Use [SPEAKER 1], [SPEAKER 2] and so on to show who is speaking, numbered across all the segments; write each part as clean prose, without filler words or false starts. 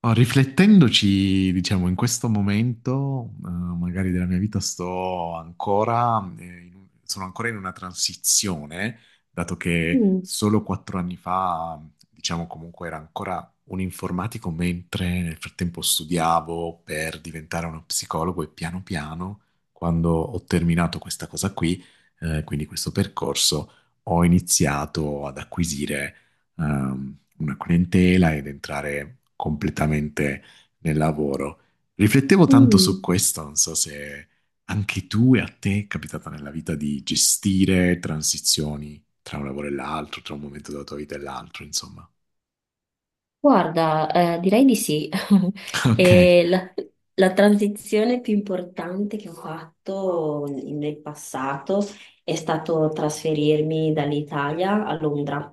[SPEAKER 1] Oh, riflettendoci, diciamo, in questo momento, magari della mia vita, sto ancora, sono ancora in una transizione, dato che
[SPEAKER 2] Mm,
[SPEAKER 1] solo 4 anni fa, diciamo, comunque era ancora un informatico, mentre nel frattempo studiavo per diventare uno psicologo e piano piano, quando ho terminato questa cosa qui, quindi questo percorso, ho iniziato ad acquisire una clientela ed entrare completamente nel lavoro. Riflettevo tanto su
[SPEAKER 2] mm.
[SPEAKER 1] questo, non so se anche tu e a te è capitata nella vita di gestire transizioni tra un lavoro e l'altro, tra un momento della tua vita e l'altro, insomma.
[SPEAKER 2] Guarda, direi di sì.
[SPEAKER 1] Ok,
[SPEAKER 2] E la, la transizione più importante che ho fatto nel passato è stato trasferirmi dall'Italia a Londra.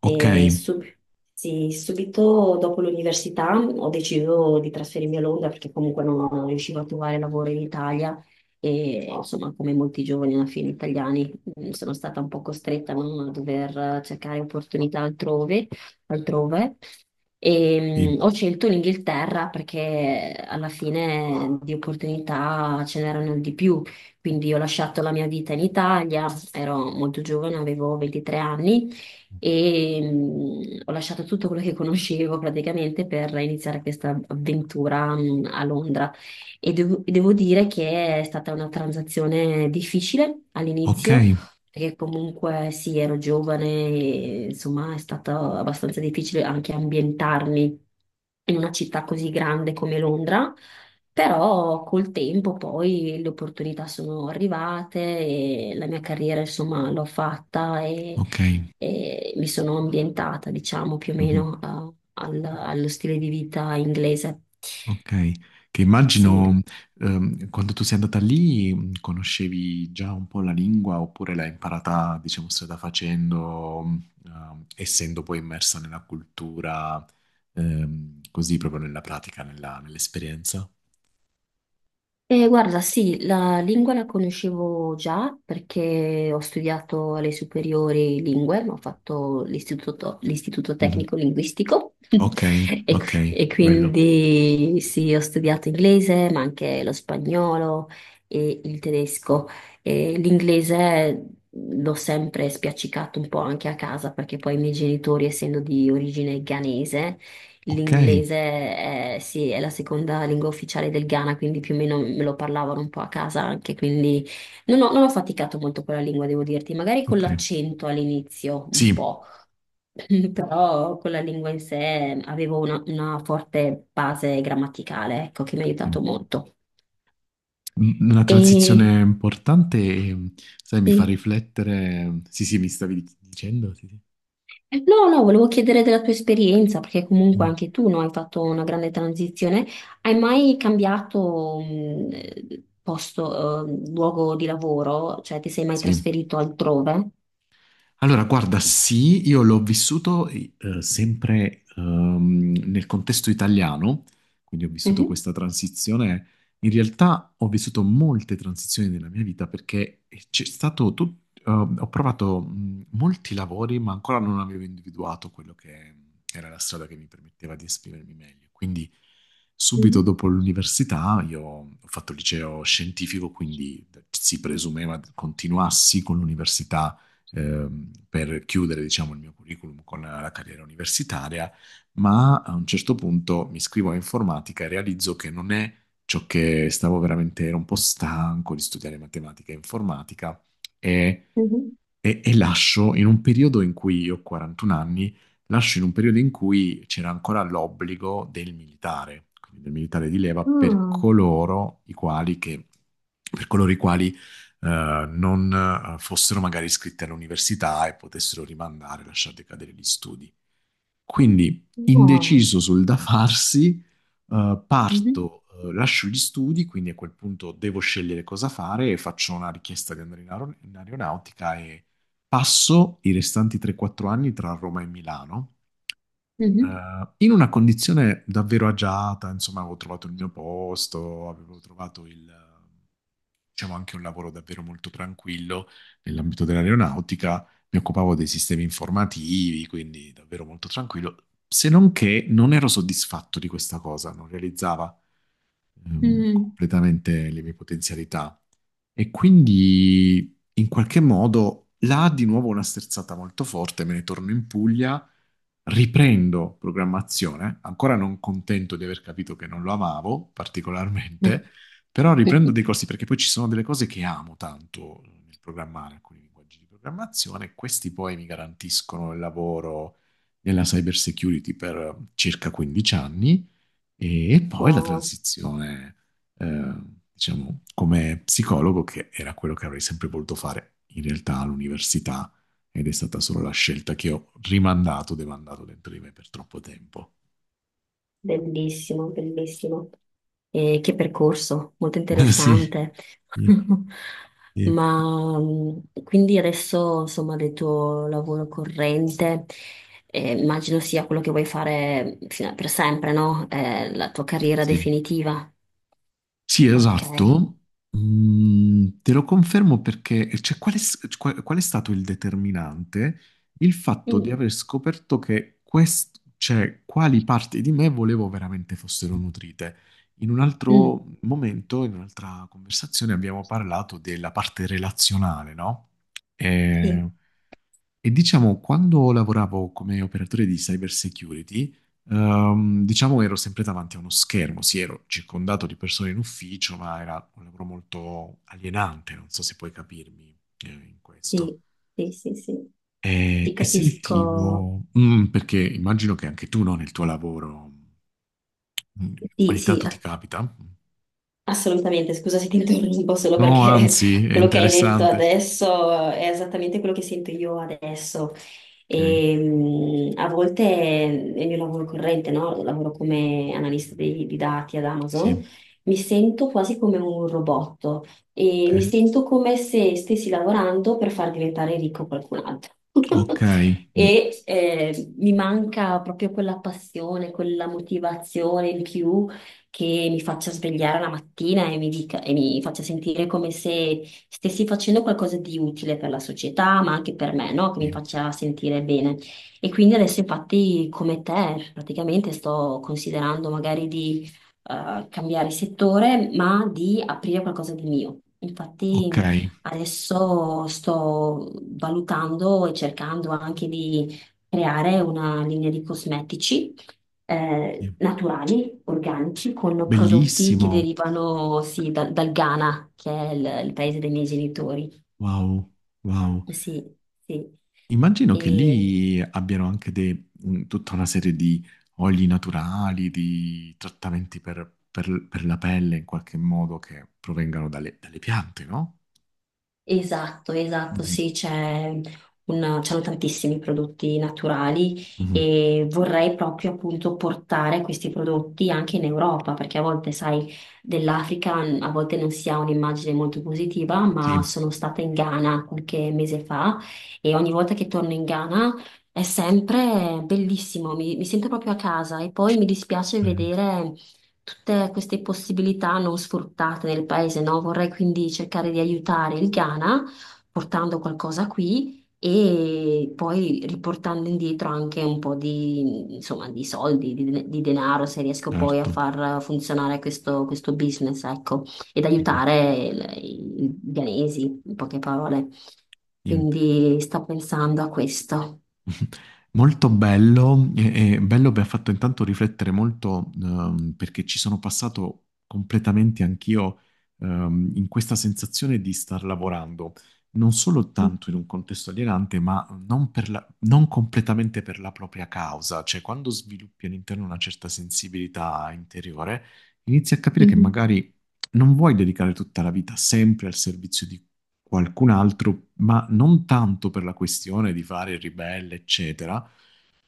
[SPEAKER 1] ok,
[SPEAKER 2] E sì, subito dopo l'università ho deciso di trasferirmi a Londra perché comunque non riuscivo a trovare lavoro in Italia e insomma, come molti giovani alla fine italiani, sono stata un po' costretta, no, a dover cercare opportunità altrove altrove. E,
[SPEAKER 1] sì.
[SPEAKER 2] ho scelto l'Inghilterra perché alla fine di opportunità ce n'erano di più, quindi ho lasciato la mia vita in Italia, ero molto giovane, avevo 23 anni e ho lasciato tutto quello che conoscevo praticamente per iniziare questa avventura a Londra. E devo dire che è stata una transazione difficile
[SPEAKER 1] Ok,
[SPEAKER 2] all'inizio perché comunque sì, ero giovane e insomma è stato abbastanza difficile anche ambientarmi in una città così grande come Londra, però col tempo poi le opportunità sono arrivate e la mia carriera insomma l'ho fatta
[SPEAKER 1] ok.
[SPEAKER 2] e mi sono ambientata diciamo più o
[SPEAKER 1] Mhm.
[SPEAKER 2] meno allo stile di vita inglese.
[SPEAKER 1] Ok, che
[SPEAKER 2] Sì.
[SPEAKER 1] immagino quando tu sei andata lì conoscevi già un po' la lingua oppure l'hai imparata, diciamo, strada facendo, essendo poi immersa nella cultura, così proprio nella pratica, nell'esperienza.
[SPEAKER 2] Guarda, sì, la lingua la conoscevo già perché ho studiato alle superiori lingue, ho fatto l'istituto
[SPEAKER 1] Mhm.
[SPEAKER 2] tecnico linguistico.
[SPEAKER 1] Ok, ok,
[SPEAKER 2] E
[SPEAKER 1] bello.
[SPEAKER 2] quindi sì, ho studiato inglese, ma anche lo spagnolo e il tedesco. E l'inglese l'ho sempre spiaccicato un po' anche a casa perché poi i miei genitori, essendo di origine ghanese,
[SPEAKER 1] Ok,
[SPEAKER 2] l'inglese è, sì, è la seconda lingua ufficiale del Ghana, quindi più o meno me lo parlavano un po' a casa anche, quindi non ho faticato molto con la lingua, devo dirti, magari con
[SPEAKER 1] ok.
[SPEAKER 2] l'accento all'inizio un
[SPEAKER 1] Sì,
[SPEAKER 2] po'. Però con la lingua in sé avevo una forte base grammaticale, ecco, che mi ha
[SPEAKER 1] sì.
[SPEAKER 2] aiutato molto.
[SPEAKER 1] Una
[SPEAKER 2] E
[SPEAKER 1] transizione importante e, sai, mi fa
[SPEAKER 2] sì.
[SPEAKER 1] riflettere. Sì, sì, mi stavi dicendo, sì, sì.
[SPEAKER 2] No, no, volevo chiedere della tua esperienza, perché comunque
[SPEAKER 1] Mm.
[SPEAKER 2] anche tu, no, hai fatto una grande transizione. Hai mai cambiato posto, luogo di lavoro? Cioè, ti sei mai
[SPEAKER 1] Sì.
[SPEAKER 2] trasferito altrove?
[SPEAKER 1] Allora, guarda, sì, io l'ho vissuto sempre nel contesto italiano, quindi ho vissuto
[SPEAKER 2] Mhm,
[SPEAKER 1] questa transizione. In realtà ho vissuto molte transizioni nella mia vita perché c'è stato ho provato molti lavori, ma ancora non avevo individuato quello che era la strada che mi permetteva di esprimermi meglio. Quindi subito
[SPEAKER 2] mhm,
[SPEAKER 1] dopo l'università io ho fatto il liceo scientifico, quindi si presumeva continuassi con l'università per chiudere, diciamo, il mio curriculum con la carriera universitaria, ma a un certo punto mi iscrivo a informatica e realizzo che non è ciò che stavo veramente, ero un po' stanco di studiare matematica e informatica e,
[SPEAKER 2] mhm.
[SPEAKER 1] e lascio in un periodo in cui io ho 41 anni, lascio in un periodo in cui c'era ancora l'obbligo del militare, quindi del militare di leva per
[SPEAKER 2] Ah,
[SPEAKER 1] coloro i quali che, per coloro i quali non fossero magari iscritti all'università e potessero rimandare, lasciar decadere gli studi. Quindi,
[SPEAKER 2] ah,
[SPEAKER 1] indeciso sul da farsi,
[SPEAKER 2] mhm,
[SPEAKER 1] parto, lascio gli studi, quindi a quel punto devo scegliere cosa fare e faccio una richiesta di andare in aeronautica e passo i restanti 3-4 anni tra Roma e Milano
[SPEAKER 2] mhm,
[SPEAKER 1] in una condizione davvero agiata, insomma, avevo trovato il mio posto, avevo trovato il, diciamo, anche un lavoro davvero molto tranquillo nell'ambito dell'aeronautica, mi occupavo dei sistemi informativi, quindi davvero molto tranquillo, se non che non ero soddisfatto di questa cosa, non realizzava
[SPEAKER 2] mhm.
[SPEAKER 1] completamente le mie potenzialità. E quindi in qualche modo là di nuovo una sterzata molto forte, me ne torno in Puglia, riprendo programmazione, ancora non contento di aver capito che non lo amavo particolarmente, però riprendo dei corsi perché poi ci sono delle cose che amo tanto nel programmare, alcuni linguaggi di programmazione, questi poi mi garantiscono il lavoro nella cyber security per circa 15 anni e poi la
[SPEAKER 2] Wow,
[SPEAKER 1] transizione, eh, diciamo, come psicologo, che era quello che avrei sempre voluto fare in realtà all'università, ed è stata solo la scelta che ho rimandato, demandato dentro di me per troppo tempo.
[SPEAKER 2] bellissimo, bellissimo. E che percorso, molto
[SPEAKER 1] Sì,
[SPEAKER 2] interessante.
[SPEAKER 1] sì, sì.
[SPEAKER 2] Ma quindi adesso, insomma, del tuo lavoro corrente, immagino sia quello che vuoi fare per sempre, no? La tua carriera
[SPEAKER 1] Sì.
[SPEAKER 2] definitiva.
[SPEAKER 1] Sì,
[SPEAKER 2] Ok.
[SPEAKER 1] esatto. Mm, te lo confermo perché, cioè, qual è, qual è stato il determinante? Il fatto di
[SPEAKER 2] Mm,
[SPEAKER 1] aver scoperto che cioè, quali parti di me volevo veramente fossero nutrite. In un
[SPEAKER 2] mm,
[SPEAKER 1] altro momento, in un'altra conversazione, abbiamo parlato della parte relazionale, no?
[SPEAKER 2] sì,
[SPEAKER 1] E diciamo, quando lavoravo come operatore di cyber security, diciamo ero sempre davanti a uno schermo, sì, ero circondato di persone in ufficio, ma era un lavoro molto alienante, non so se puoi capirmi, in questo.
[SPEAKER 2] sì, sì, sì, sì.
[SPEAKER 1] E,
[SPEAKER 2] Ti
[SPEAKER 1] e
[SPEAKER 2] capisco.
[SPEAKER 1] sentivo, perché immagino che anche tu, no, nel tuo lavoro, mm,
[SPEAKER 2] Sì,
[SPEAKER 1] ogni
[SPEAKER 2] sì,
[SPEAKER 1] tanto ti capita.
[SPEAKER 2] assolutamente, scusa se ti interrompo solo
[SPEAKER 1] No,
[SPEAKER 2] perché
[SPEAKER 1] anzi, è
[SPEAKER 2] quello che hai detto
[SPEAKER 1] interessante.
[SPEAKER 2] adesso è esattamente quello che sento io adesso.
[SPEAKER 1] Ok,
[SPEAKER 2] E, a volte nel mio lavoro corrente, no? Lavoro come analista di dati ad Amazon,
[SPEAKER 1] sì,
[SPEAKER 2] mi sento quasi come un robot e mi
[SPEAKER 1] ok,
[SPEAKER 2] sento come se stessi lavorando per far diventare ricco qualcun altro.
[SPEAKER 1] ok, mm,
[SPEAKER 2] Mi manca proprio quella passione, quella motivazione in più che mi faccia svegliare la mattina e mi dica, e mi faccia sentire come se stessi facendo qualcosa di utile per la società, ma anche per me, no? Che mi
[SPEAKER 1] sì,
[SPEAKER 2] faccia sentire bene. E quindi adesso, infatti, come te, praticamente sto considerando magari di cambiare settore, ma di aprire qualcosa di mio.
[SPEAKER 1] ok,
[SPEAKER 2] Infatti, adesso sto valutando e cercando anche di creare una linea di cosmetici
[SPEAKER 1] sì.
[SPEAKER 2] naturali, organici, con prodotti che
[SPEAKER 1] Bellissimo.
[SPEAKER 2] derivano sì, dal Ghana, che è il paese dei miei genitori.
[SPEAKER 1] Wow, wow.
[SPEAKER 2] Eh sì, sì.
[SPEAKER 1] Immagino che
[SPEAKER 2] E,
[SPEAKER 1] lì abbiano anche tutta una serie di oli naturali, di trattamenti per la pelle in qualche modo che provengano dalle piante, no?
[SPEAKER 2] esatto, esatto,
[SPEAKER 1] Mhm,
[SPEAKER 2] sì, c'è c'hanno tantissimi prodotti naturali
[SPEAKER 1] mhm.
[SPEAKER 2] e vorrei proprio appunto portare questi prodotti anche in Europa, perché a volte, sai, dell'Africa a volte non si ha un'immagine molto positiva, ma
[SPEAKER 1] Sì,
[SPEAKER 2] sono stata in Ghana qualche mese fa e ogni volta che torno in Ghana è sempre bellissimo, mi sento proprio a casa e poi mi dispiace
[SPEAKER 1] bello,
[SPEAKER 2] vedere tutte queste possibilità non sfruttate nel paese, no? Vorrei quindi cercare di aiutare il Ghana portando qualcosa qui e poi riportando indietro anche un po' di, insomma, di soldi, di denaro, se riesco poi a
[SPEAKER 1] certo.
[SPEAKER 2] far funzionare questo business, ecco, ed
[SPEAKER 1] Mhm.
[SPEAKER 2] aiutare i ghanesi, in poche parole. Quindi sto pensando a questo.
[SPEAKER 1] Molto bello, e bello mi ha fatto intanto riflettere molto perché ci sono passato completamente anch'io in questa sensazione di star lavorando, non solo
[SPEAKER 2] Mm.
[SPEAKER 1] tanto in un contesto alienante, ma non, non completamente per la propria causa, cioè quando sviluppi all'interno una certa sensibilità interiore, inizi a capire che
[SPEAKER 2] Mhm.
[SPEAKER 1] magari non vuoi dedicare tutta la vita sempre al servizio qualcun altro, ma non tanto per la questione di fare il ribelle, eccetera,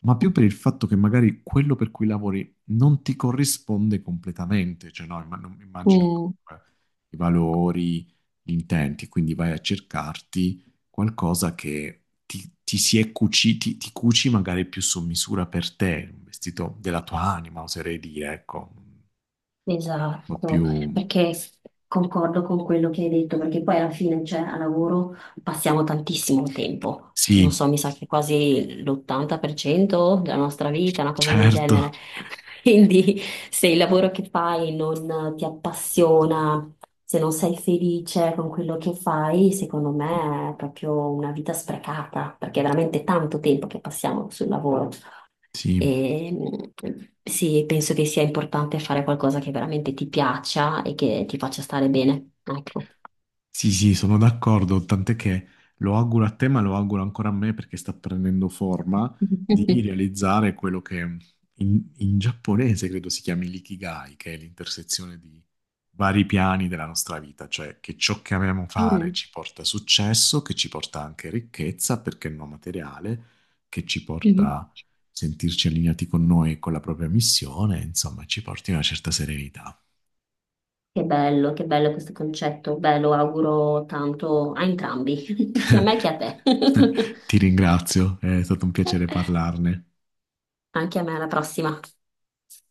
[SPEAKER 1] ma più per il fatto che magari quello per cui lavori non ti corrisponde completamente, cioè no, immagino
[SPEAKER 2] Mm.
[SPEAKER 1] comunque i valori, gli intenti, quindi vai a cercarti qualcosa che ti si è cuciti, ti cuci magari più su misura per te, un vestito della tua anima, oserei dire, ecco, un po'
[SPEAKER 2] Esatto,
[SPEAKER 1] più.
[SPEAKER 2] perché concordo con quello che hai detto, perché poi alla fine, cioè, a lavoro passiamo tantissimo tempo, non so,
[SPEAKER 1] Sì,
[SPEAKER 2] mi sa che quasi l'80% della nostra vita, una cosa del genere.
[SPEAKER 1] certo,
[SPEAKER 2] Quindi se il lavoro che fai non ti appassiona, se non sei felice con quello che fai, secondo me è proprio una vita sprecata, perché è veramente tanto tempo che passiamo sul lavoro.
[SPEAKER 1] sì.
[SPEAKER 2] E, sì, penso che sia importante fare qualcosa che veramente ti piaccia e che ti faccia stare bene. Ecco.
[SPEAKER 1] Sì, sì, sono d'accordo, tant'è che lo auguro a te, ma lo auguro ancora a me perché sta prendendo forma di realizzare quello che in giapponese credo si chiami l'ikigai, che è l'intersezione di vari piani della nostra vita, cioè che ciò che amiamo fare
[SPEAKER 2] Mm.
[SPEAKER 1] ci porta successo, che ci porta anche ricchezza, perché no materiale, che ci porta
[SPEAKER 2] Mhm.
[SPEAKER 1] a sentirci allineati con noi e con la propria missione, insomma, ci porti una certa serenità.
[SPEAKER 2] Che bello questo concetto. Beh, lo auguro tanto a entrambi, sia a me che a te.
[SPEAKER 1] Ti ringrazio, è stato un piacere parlarne.
[SPEAKER 2] Anche a me, alla prossima.